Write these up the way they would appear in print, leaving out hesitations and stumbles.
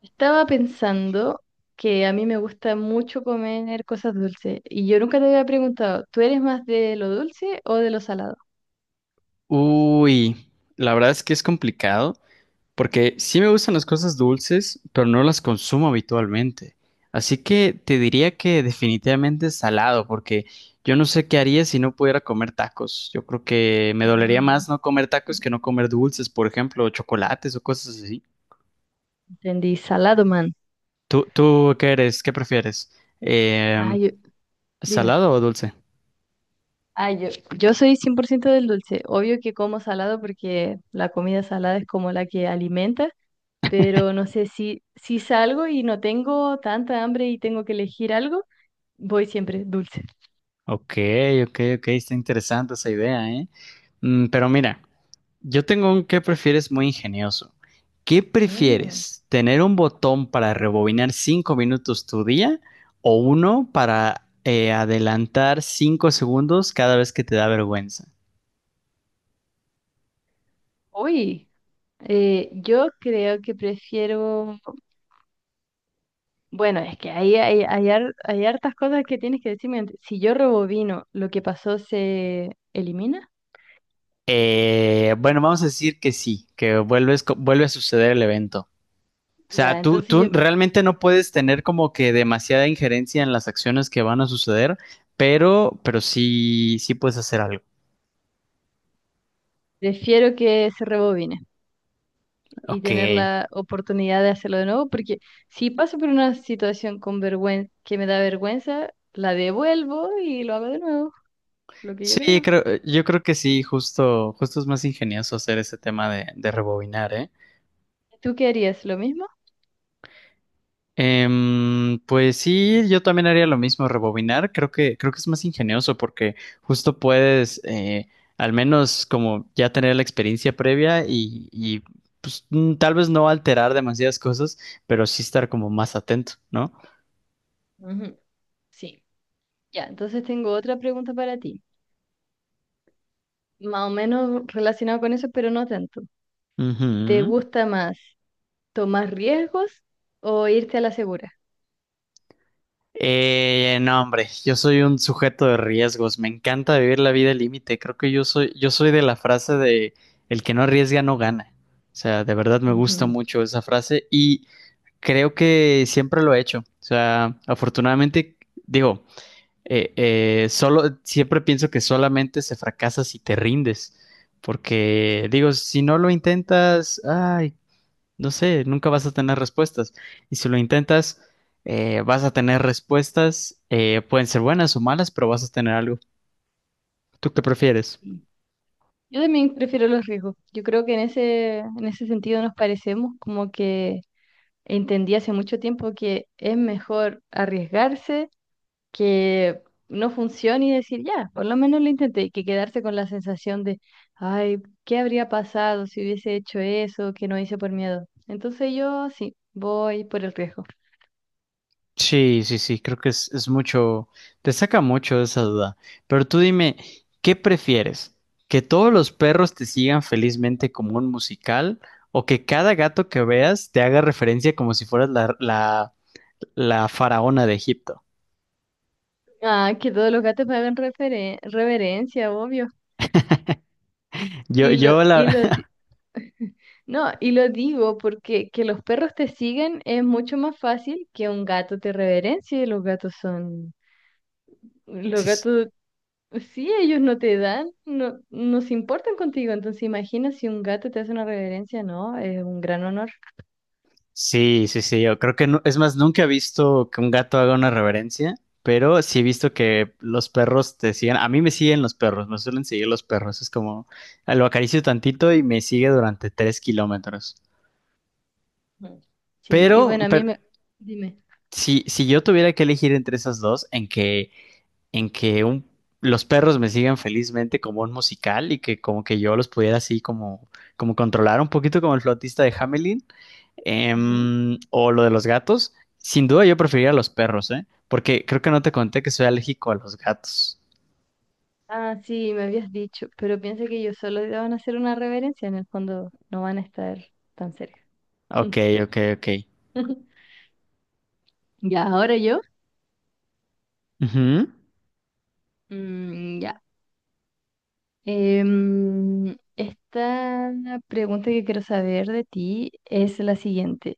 Estaba pensando que a mí me gusta mucho comer cosas dulces y yo nunca te había preguntado, ¿tú eres más de lo dulce o de lo salado? Uy, la verdad es que es complicado porque sí me gustan las cosas dulces, pero no las consumo habitualmente. Así que te diría que definitivamente salado, porque yo no sé qué haría si no pudiera comer tacos. Yo creo que me dolería Mm, más no comer tacos que no comer dulces, por ejemplo, chocolates o cosas así. Entendí, salado, man. ¿¿Tú qué eres? ¿Qué prefieres? Ah, Em, dime. ¿Salado o dulce? Ah, yo soy 100% del dulce. Obvio que como salado porque la comida salada es como la que alimenta, pero no sé, si salgo y no tengo tanta hambre y tengo que elegir algo, voy siempre dulce. Ok, ok, ok, está interesante esa idea, ¿eh? Mm, pero mira, yo tengo un qué prefieres muy ingenioso. ¿Qué Mm. prefieres? ¿Tener un botón para rebobinar 5 minutos tu día o uno para adelantar 5 segundos cada vez que te da vergüenza? Uy, yo creo que prefiero. Bueno, es que ahí hay hartas cosas que tienes que decirme antes. Si yo rebobino, ¿lo que pasó se elimina? Bueno, vamos a decir que sí, que vuelves, vuelve a suceder el evento. O Ya, sea, tú, entonces yo tú realmente no puedes tener como que demasiada injerencia en las acciones que van a suceder, pero sí, sí puedes hacer algo. prefiero que se rebobine y tener Ok. la oportunidad de hacerlo de nuevo, porque si paso por una situación con vergüenza, que me da vergüenza, la devuelvo y lo hago de nuevo, lo que yo Sí, creo. creo, yo creo que sí, justo, justo es más ingenioso hacer ese tema de rebobinar, ¿eh? ¿Tú qué harías? ¿Lo mismo? Pues sí, yo también haría lo mismo, rebobinar. Creo que es más ingenioso porque justo puedes, al menos como ya tener la experiencia previa y, pues tal vez no alterar demasiadas cosas, pero sí estar como más atento, ¿no? Ujú. Sí. Ya, entonces tengo otra pregunta para ti, más o menos relacionado con eso, pero no tanto. ¿Te Ujú. gusta más? ¿Tomar riesgos o irte a la segura? No, hombre, yo soy un sujeto de riesgos. Me encanta vivir la vida al límite. Creo que yo soy de la frase de el que no arriesga no gana. O sea, de verdad me gusta Ujú, mucho esa frase. Y creo que siempre lo he hecho. O sea, afortunadamente, digo, solo, siempre pienso que solamente se fracasa si te rindes. Porque, digo, si no lo intentas, ay, no sé, nunca vas a tener respuestas. Y si lo intentas, vas a tener respuestas, pueden ser buenas o malas, pero vas a tener algo. ¿Tú qué prefieres? sí. Yo también prefiero los riesgos. Yo creo que en ese sentido nos parecemos, como que entendí hace mucho tiempo que es mejor arriesgarse que no funcione y decir, ya, por lo menos lo intenté, que quedarse con la sensación de, ay, ¿qué habría pasado si hubiese hecho eso que no hice por miedo? Entonces yo sí, voy por el riesgo. Sí, sí, sí, creo que es mucho, te saca mucho de esa duda. Pero tú dime, ¿qué prefieres? ¿Que todos los perros te sigan felizmente como un musical o que cada gato que veas te haga referencia como si fueras la, la, la faraona de Egipto? Ah, que todos los gatos me hagan reverencia, obvio. Yo, Y lo, yo y la... lo, No, y lo digo porque que los perros te sigan es mucho más fácil que un gato te reverencie. Los gatos son, los Sí, gatos, sí, ellos no te dan, no, no se importan contigo. Entonces imagina si un gato te hace una reverencia, no, es un gran honor. sí, sí, sí, yo creo que no, es más, nunca he visto que un gato haga una reverencia, pero sí he visto que los perros te siguen, a mí me siguen los perros, me suelen seguir los perros, es como, ah, lo acaricio tantito y me sigue durante 3 kilómetros. Ujú. Sí, y Pero, bueno, pero dime. si, si yo tuviera que elegir entre esas dos, en que un, los perros me sigan felizmente como un musical y que como que yo los pudiera así como, como controlar un poquito como el flautista de Hamelin, Ujú. O lo de los gatos. Sin duda yo preferiría los perros, ¿eh? Porque creo que no te conté que soy alérgico a los gatos. Ah, sí, me habías dicho, pero piensa que ellos solo te van a hacer una reverencia, en el fondo no van a estar tan cerca. Ok, ok, ok. Ya, ahora yo. Ujú. Ya. Esta pregunta que quiero saber de ti es la siguiente.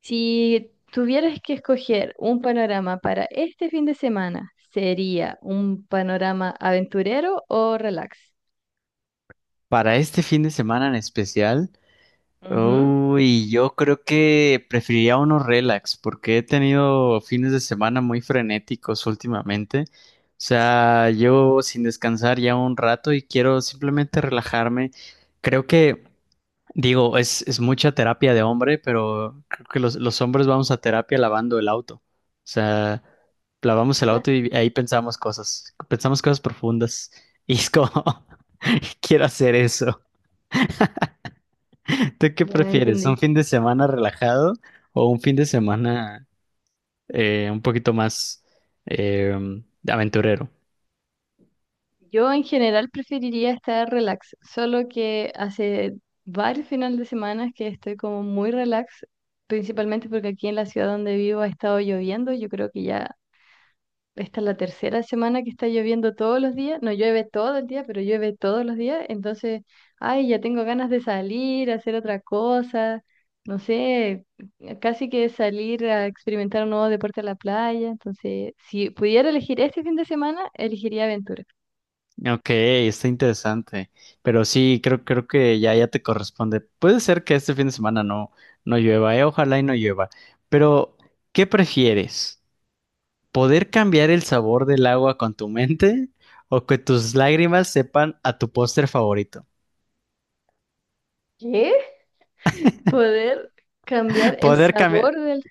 Si tuvieras que escoger un panorama para este fin de semana, ¿sería un panorama aventurero o relax? Para este fin de semana en especial, Ujú. uy, yo creo que preferiría uno relax, porque he tenido fines de semana muy frenéticos últimamente. O sea, yo sin descansar ya un rato y quiero simplemente relajarme. Creo que digo, es mucha terapia de hombre, pero creo que los hombres vamos a terapia lavando el auto. O sea, lavamos el auto y ahí pensamos cosas profundas. Y es como, quiero hacer eso. ¿Tú qué Ya prefieres? ¿Un entendí. fin de semana relajado o un fin de semana un poquito más eh, aventurero? Yo en general preferiría estar relax, solo que hace varios finales de semana que estoy como muy relax, principalmente porque aquí en la ciudad donde vivo ha estado lloviendo, yo creo que ya esta es la tercera semana que está lloviendo todos los días. No llueve todo el día, pero llueve todos los días. Entonces, ay, ya tengo ganas de salir, hacer otra cosa. No sé, casi que salir a experimentar un nuevo deporte a la playa. Entonces, si pudiera elegir este fin de semana, elegiría aventura. Ok, está interesante. Pero sí, creo, creo que ya, ya te corresponde. Puede ser que este fin de semana no, no llueva, ojalá y no llueva. Pero, ¿qué prefieres? ¿Poder cambiar el sabor del agua con tu mente o que tus lágrimas sepan a tu póster favorito? ¿Qué? Poder cambiar el Poder cambiar. sabor del,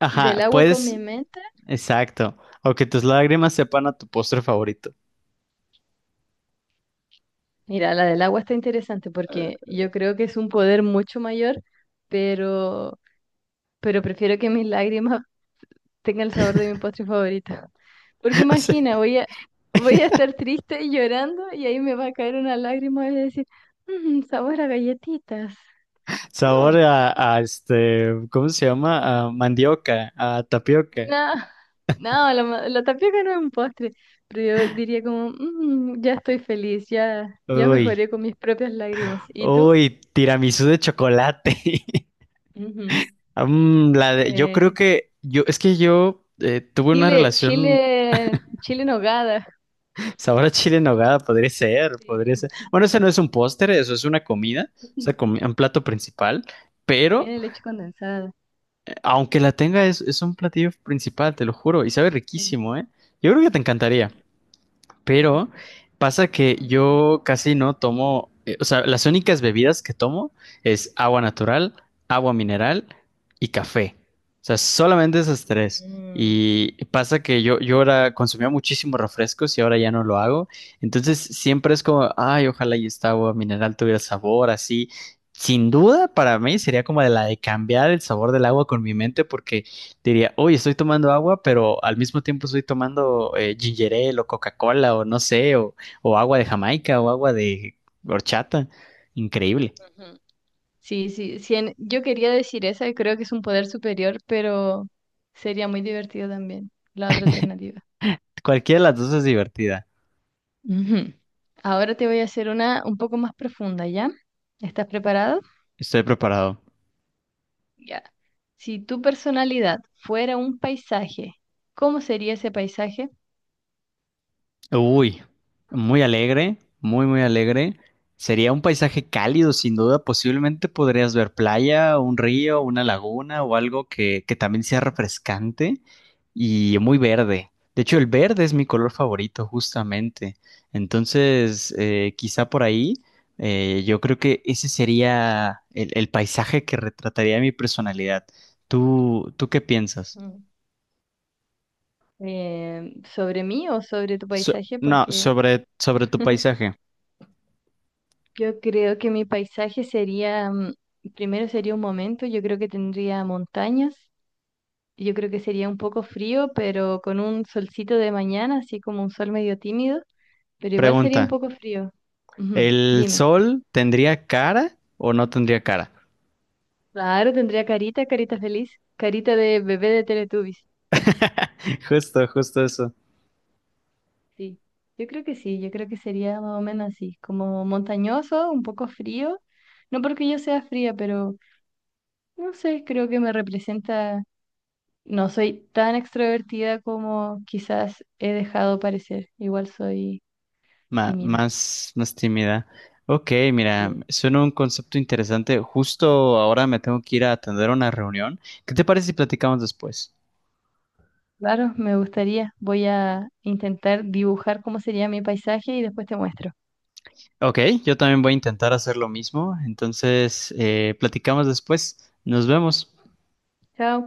Ajá, del agua con mi pues, mente. exacto. O que tus lágrimas sepan a tu postre favorito. Mira, la del agua está interesante porque yo creo que es un poder mucho mayor, pero, pero prefiero que mis lágrimas tenga el sabor de mi postre favorito. Porque imagina, voy a estar triste y llorando y ahí me va a caer una lágrima y voy a decir, "Mm, sabor a galletitas. O sea, sabor No, a este, ¿cómo se llama? A mandioca, a tapioca. no, no, la tapioca no es un postre, pero yo diría como, "Mm, ya estoy feliz, ya, ya Uy. mejoré con mis propias lágrimas. ¿Y tú? Uy, tiramisú de chocolate. Ujú. Mm, yo creo Eh, que yo, es que yo tuve una chile, relación chile, chile en nogada. sabor a chile en nogada, podría ser, podría Sí. ser. Bueno, ese no es un póster, eso es una comida, es una un plato principal, pero Tiene leche condensada. Aunque la tenga, es un platillo principal, te lo juro, y sabe Ujú. riquísimo, ¿eh? Yo creo que te encantaría. Pero pasa que yo casi no tomo, o sea, las únicas bebidas que tomo es agua natural, agua mineral y café. O sea, solamente esas tres. Mm, Y pasa que yo ahora consumía muchísimos refrescos y ahora ya no lo hago. Entonces siempre es como, ay, ojalá y esta agua mineral tuviera sabor así. Sin duda, para mí sería como de la de cambiar el sabor del agua con mi mente, porque diría, oye, estoy tomando agua, pero al mismo tiempo estoy tomando ginger ale o Coca-Cola o no sé, o agua de Jamaica o agua de horchata. Increíble. ujú. Sí, sí, sí, yo quería decir esa, y creo que es un poder superior, pero sería muy divertido también la otra alternativa. Cualquiera de las dos es divertida. Ujú. Ahora te voy a hacer una un poco más profunda, ¿ya? ¿Estás preparado? Estoy preparado. Ya. Si tu personalidad fuera un paisaje, ¿cómo sería ese paisaje? Uy, muy alegre, muy, muy alegre. Sería un paisaje cálido, sin duda. Posiblemente podrías ver playa, un río, una laguna o algo que también sea refrescante y muy verde. De hecho, el verde es mi color favorito, justamente. Entonces, quizá por ahí, yo creo que ese sería el paisaje que retrataría mi personalidad. ¿¿Tú qué piensas? Mm. ¿Sobre mí o sobre tu So- paisaje? no, Porque sobre, sobre tu paisaje. yo creo que mi paisaje sería, primero sería un momento. Yo creo que tendría montañas, yo creo que sería un poco frío, pero con un solcito de mañana, así como un sol medio tímido, pero igual sería un Pregunta. poco frío. Ujú. ¿El Dime. sol tendría cara o no tendría cara? Claro, tendría carita, carita feliz, carita de bebé de Teletubbies. Justo, justo eso. Sí, yo creo que sí, yo creo que sería más o menos así, como montañoso, un poco frío. No porque yo sea fría, pero no sé, creo que me representa. No soy tan extrovertida como quizás he dejado parecer. Igual soy tímida. Más, más tímida. Ok, mira, Sí. suena un concepto interesante. Justo ahora me tengo que ir a atender una reunión. ¿Qué te parece si platicamos después? Claro, me gustaría. Voy a intentar dibujar cómo sería mi paisaje y después te muestro. Ok, yo también voy a intentar hacer lo mismo. Entonces, platicamos después. Nos vemos. Chao.